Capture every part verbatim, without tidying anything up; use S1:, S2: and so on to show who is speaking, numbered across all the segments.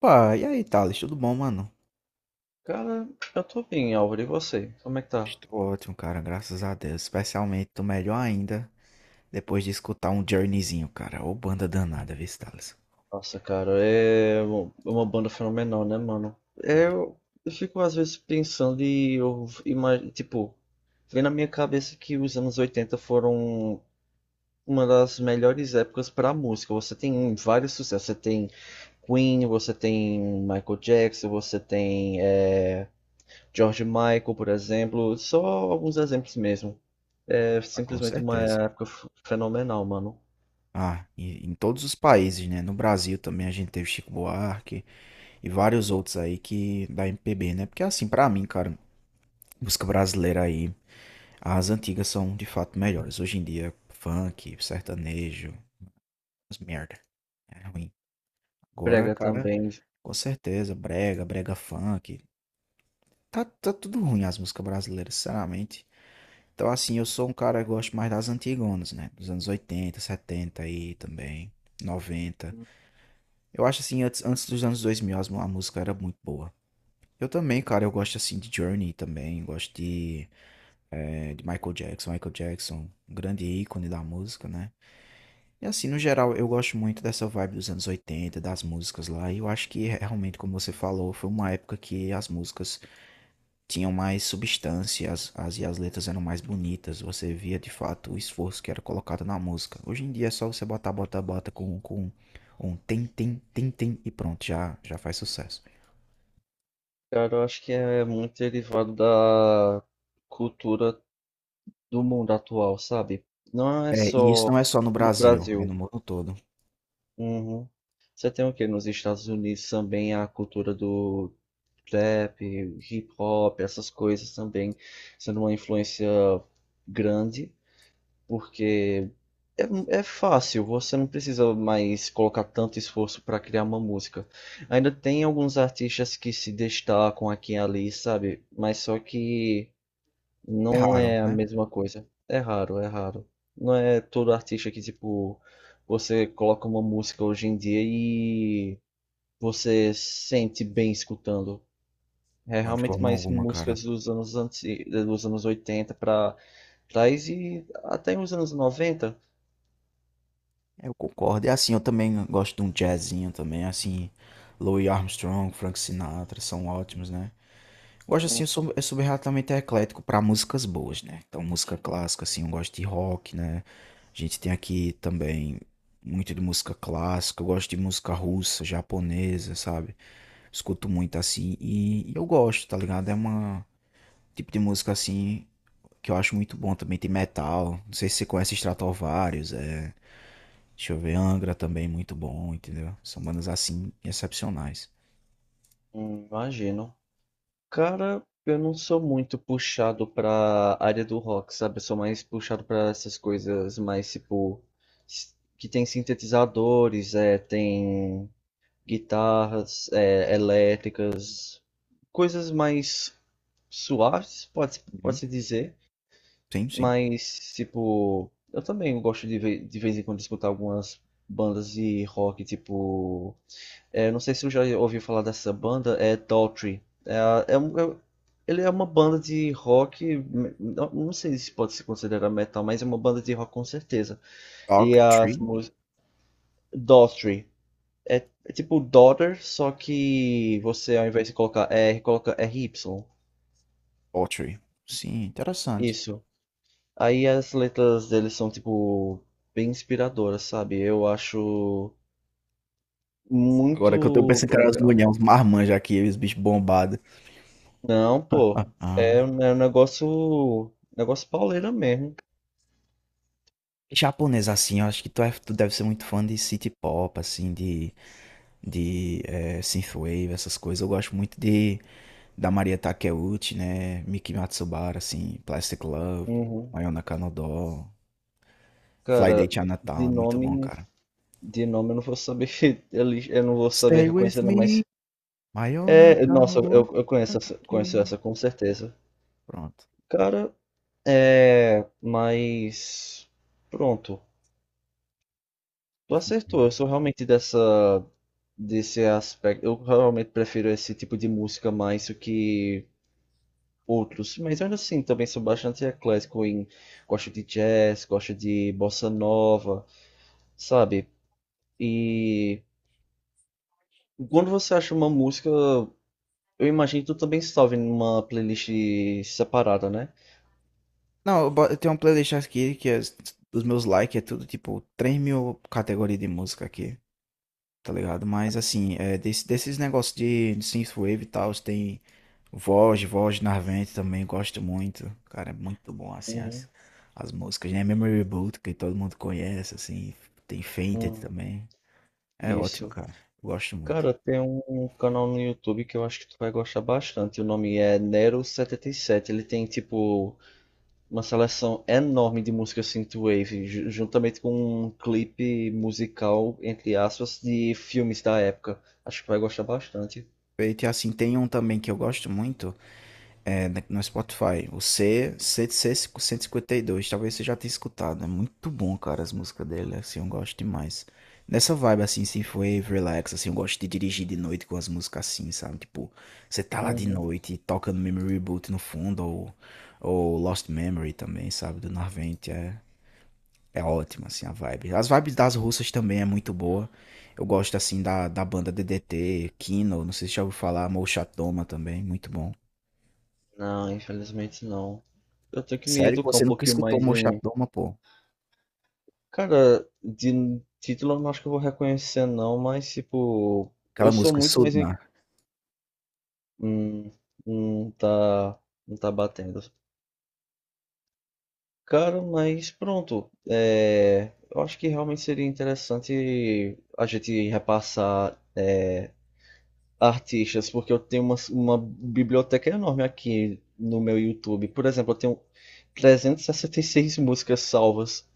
S1: Pá, e aí, Thales, tudo bom, mano?
S2: Cara, eu tô bem, Álvaro. E você? Como é que tá?
S1: Estou ótimo, cara, graças a Deus. Especialmente, tô melhor ainda depois de escutar um Journeyzinho, cara. Ô, banda danada, viu, Thales?
S2: Nossa, cara, é um- uma banda fenomenal, né, mano? É,
S1: Uhum.
S2: Eu, eu fico às vezes pensando e eu imagino, tipo, vem na minha cabeça que os anos oitenta foram uma das melhores épocas pra música. Você tem vários sucessos. Você tem Queen, você tem Michael Jackson, você tem é, George Michael, por exemplo. Só alguns exemplos mesmo. É
S1: Ah, com
S2: simplesmente uma
S1: certeza.
S2: época f- fenomenal, mano.
S1: Ah, e, em todos os países, né? No Brasil também a gente teve Chico Buarque e vários outros aí que da M P B, né? Porque assim, pra mim, cara, música brasileira aí, as antigas são de fato melhores. Hoje em dia, funk, sertanejo, as merda. É ruim. Agora,
S2: Brega
S1: cara,
S2: também.
S1: com certeza, brega, brega funk. Tá, tá tudo ruim as músicas brasileiras, sinceramente. Então, assim, eu sou um cara que gosto mais das antigonas, né? Dos anos oitenta setenta aí também, noventa. Eu acho, assim, antes, antes dos anos dois mil, as mu- a música era muito boa. Eu também, cara, eu gosto, assim, de Journey também. Gosto de, eh, de Michael Jackson. Michael Jackson, um grande ícone da música, né? E, assim, no geral, eu gosto muito dessa vibe dos anos oitenta das músicas lá. E eu acho que, realmente, como você falou, foi uma época que as músicas tinham mais substância, as, as, e as letras eram mais bonitas, você via de fato o esforço que era colocado na música. Hoje em dia é só você botar, bota, bota com, com um tem, tem, tem, tem e pronto, já, já faz sucesso.
S2: Cara, eu acho que é muito derivado da cultura do mundo atual, sabe? Não é
S1: É, e isso
S2: só
S1: não é só no
S2: no
S1: Brasil, é
S2: Brasil.
S1: no mundo todo.
S2: Uhum. Você tem o quê? Nos Estados Unidos também a cultura do trap, hip hop, essas coisas também sendo uma influência grande, porque é, é fácil, você não precisa mais colocar tanto esforço para criar uma música. Ainda tem alguns artistas que se destacam aqui e ali, sabe? Mas só que
S1: É
S2: não
S1: raro,
S2: é a
S1: né?
S2: mesma coisa. É raro, é raro. Não é todo artista que, tipo, você coloca uma música hoje em dia e você sente bem escutando. É
S1: Não, de
S2: realmente
S1: forma
S2: mais
S1: alguma, cara.
S2: músicas dos anos, anti... dos anos oitenta pra trás e até os anos noventa.
S1: Eu concordo. E assim, eu também gosto de um jazzinho também, assim, Louis Armstrong, Frank Sinatra, são ótimos, né? Gosto assim, eu sou, eu sou bem relativamente eclético para músicas boas, né? Então, música clássica, assim, eu gosto de rock, né? A gente tem aqui também muito de música clássica, eu gosto de música russa, japonesa, sabe? Escuto muito assim e, e eu gosto, tá ligado? É uma tipo de música assim que eu acho muito bom também. Tem metal, não sei se você conhece Stratovarius, é. Deixa eu ver, Angra também, muito bom, entendeu? São bandas assim excepcionais.
S2: Hum, Imagino. Cara, eu não sou muito puxado pra área do rock, sabe? Eu sou mais puxado pra essas coisas mais, tipo, s- que tem sintetizadores, é, tem guitarras é, elétricas, coisas mais suaves, pode,
S1: Uhum.
S2: pode-se dizer,
S1: Sim, sim.
S2: mas tipo, eu também gosto de, ve- de vez em quando escutar algumas bandas de rock, tipo, é, não sei se você já ouviu falar dessa banda, é Daughtry. É, a- é, um- é- ele é uma banda de rock, me- não, não sei se pode se considerar metal, mas é uma banda de rock com certeza. E
S1: Dog
S2: as
S1: Tree?
S2: músicas. Daughtry. É, é tipo daughter, só que você ao invés de colocar R, coloca r RY.
S1: Poetry. Sim, interessante.
S2: Isso. Aí as letras deles são, tipo, bem inspiradoras, sabe? Eu acho
S1: Agora que eu tô
S2: muito
S1: pensando que era as
S2: legal.
S1: mulheres, uns marmanjos aqui, os bichos bombados.
S2: Não, pô.
S1: Ah.
S2: É, um- é um negócio. Negócio pauleira mesmo.
S1: Japonês, assim, eu acho que tu, é, tu deve ser muito fã de city pop, assim, de, de eh, synthwave, essas coisas. Eu gosto muito de da Maria Takeuchi, né? Miki Matsubara, assim, Plastic Love,
S2: Uhum.
S1: Mayona Kanodō, Fly Day
S2: Cara, de
S1: Chinatown, é muito bom,
S2: nome.
S1: cara.
S2: De nome eu não vou saber. ele- Eu não vou saber
S1: Stay with
S2: reconhecer, não,
S1: me,
S2: mas.
S1: Mayona
S2: É, nossa, eu,
S1: Kanodō,
S2: eu conheço essa, conheço
S1: Atake.
S2: essa com certeza.
S1: Pronto.
S2: Cara, É, mas pronto, tu acertou. Eu sou realmente dessa desse aspecto. Eu realmente prefiro esse tipo de música mais do que outros, mas ainda assim também sou bastante eclético em gosto de jazz, gosto de bossa nova, sabe? E quando você acha uma música, eu imagino que tu também salve numa playlist separada, né?
S1: Não, eu bo- eu tenho uma playlist aqui que é, os meus likes é tudo tipo três mil categorias de música aqui, tá ligado? Mas assim, é, desse- desses negócios de, de synthwave e tal, tem voz, voz Narvente também, gosto muito. Cara, é muito bom assim as,
S2: Uhum.
S1: as músicas, né? Memory Boot, que todo mundo conhece, assim, tem Fainted
S2: Hum,
S1: também. É ótimo,
S2: isso.
S1: cara. Eu gosto muito.
S2: Cara, tem um canal no YouTube que eu acho que tu vai gostar bastante. O nome é Nero setenta e sete. Ele tem, tipo, uma seleção enorme de música synthwave, ju- juntamente com um clipe musical, entre aspas, de filmes da época. Acho que tu vai gostar bastante.
S1: E assim, tem um também que eu gosto muito, é, na- no Spotify. O C, C, C cento e cinquenta e dois. Talvez você já tenha escutado. É muito bom, cara, as músicas dele. Assim, eu gosto demais. Nessa vibe, assim, se foi relax, assim, eu gosto de dirigir de noite com as músicas assim, sabe? Tipo, você tá lá de
S2: Uhum.
S1: noite e toca no Memory Boot no fundo, ou, ou Lost Memory também, sabe? Do Narvente. É, é ótimo, assim, a vibe. As vibes das russas também é muito boa. Eu gosto, assim, da, da banda D D T, Kino, não sei se já ouviu falar, Mouchatoma também, muito bom.
S2: Não, infelizmente não. Eu tenho que me
S1: Sério que
S2: educar um
S1: você nunca
S2: pouquinho
S1: escutou
S2: mais em.
S1: Mochadoma, pô?
S2: Cara, de título eu não acho que eu vou reconhecer não, mas tipo,
S1: Aquela
S2: eu sou
S1: música
S2: muito mais em-
S1: Sudna.
S2: hum, não tá não tá batendo. Cara, mas pronto, é, eu acho que realmente seria interessante a gente repassar é, artistas, porque eu tenho uma, uma biblioteca enorme aqui no meu YouTube. Por exemplo, eu tenho trezentas e sessenta e seis músicas salvas.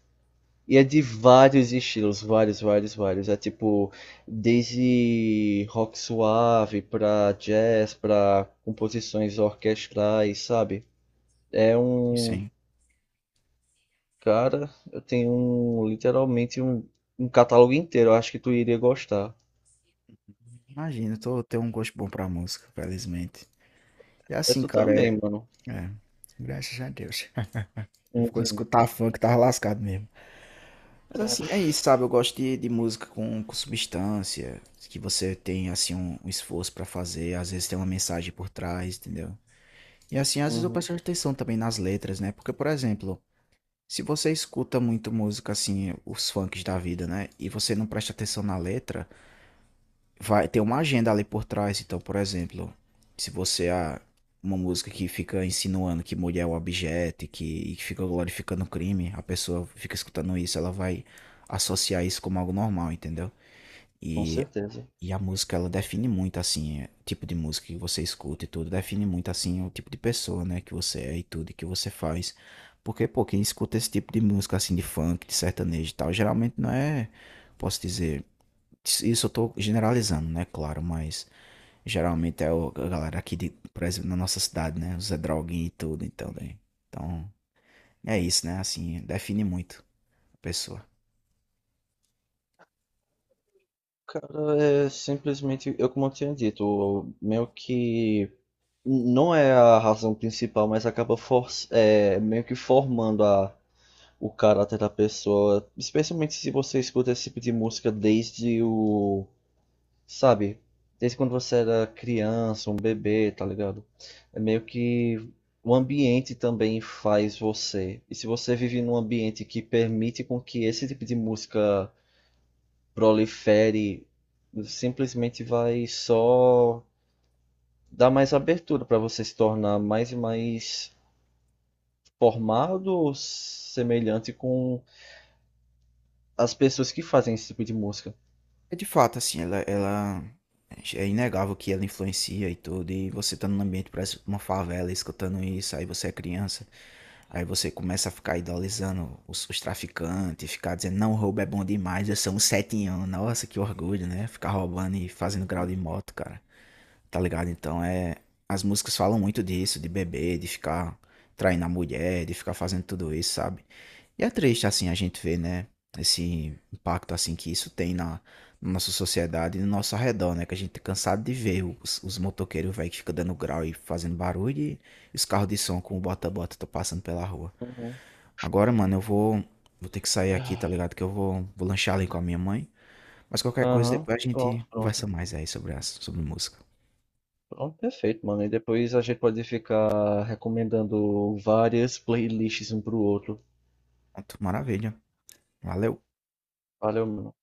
S2: E é de vários estilos, vários, vários, vários. É tipo, desde rock suave pra jazz, pra composições orquestrais, sabe? É
S1: Isso,
S2: um.
S1: sim.
S2: Cara, eu tenho um, literalmente um, um catálogo inteiro. Eu acho que tu iria gostar.
S1: Imagina, eu tô, tenho um gosto bom pra música, felizmente. E
S2: É
S1: assim,
S2: tu
S1: cara,
S2: também,
S1: é.
S2: mano.
S1: É. Graças a Deus. Ficou de
S2: Uhum,
S1: escutar funk, tava lascado mesmo. Mas assim, é isso, sabe? Eu gosto de, de música com, com substância, que você tem, assim, um, um esforço pra fazer, às vezes tem uma mensagem por trás, entendeu? E assim, às vezes eu
S2: uhum,
S1: presto atenção também nas letras, né? Porque, por exemplo, se você escuta muito música, assim, os funks da vida, né? E você não presta atenção na letra, vai ter uma agenda ali por trás. Então, por exemplo, se você há uma música que fica insinuando que mulher é um objeto e que, e que fica glorificando o crime, a pessoa fica escutando isso, ela vai associar isso como algo normal, entendeu?
S2: com
S1: E,
S2: certeza.
S1: e a música, ela define muito, assim, é, o tipo de música que você escuta e tudo, define muito, assim, o tipo de pessoa, né, que você é e tudo, e que você faz. Porque, pô, quem escuta esse tipo de música, assim, de funk, de sertanejo e tal, geralmente não é, posso dizer, isso isso eu tô generalizando, né? Claro, mas geralmente é o- a galera aqui, de, por exemplo, na nossa cidade, né? Os Zé Droguinha e tudo, então, né? Então, é isso, né? Assim, define muito a pessoa.
S2: Cara, é simplesmente, eu como eu tinha dito, meio que. Não é a razão principal, mas acaba for, é, meio que formando a o caráter da pessoa, especialmente se você escuta esse tipo de música desde o, sabe, desde quando você era criança, um bebê, tá ligado? É meio que o ambiente também faz você. E se você vive num ambiente que permite com que esse tipo de música prolifere, simplesmente vai só dar mais abertura para você se tornar mais e mais formado ou semelhante com as pessoas que fazem esse tipo de música.
S1: É de fato, assim, ela, ela é inegável que ela influencia e tudo, e você tá num ambiente, parece uma favela, escutando isso, aí você é criança, aí você começa a ficar idolizando os, os traficantes, ficar dizendo, não, roubo é bom demais, eu sou um setinhão, nossa, que orgulho, né? Ficar roubando e fazendo grau de moto, cara, tá ligado? Então é. As músicas falam muito disso, de beber, de ficar traindo a mulher, de ficar fazendo tudo isso, sabe? E é triste, assim, a gente ver, né? Esse impacto, assim, que isso tem na, na nossa sociedade e no nosso arredor, né? Que a gente é cansado de ver os, os motoqueiros, velho, que ficam dando grau e fazendo barulho e os carros de som com o bota-bota tô passando pela rua.
S2: Uhum.
S1: Agora, mano, eu vou, vou ter que sair aqui, tá ligado? Que eu vou, vou lanchar ali com a minha mãe. Mas qualquer coisa,
S2: Aham.
S1: depois a
S2: Pronto,
S1: gente
S2: pronto.
S1: conversa mais aí sobre, as, sobre música.
S2: Pronto, perfeito, mano. E depois a gente pode ficar recomendando várias playlists um pro outro.
S1: Pronto, maravilha. Valeu!
S2: Valeu, mano.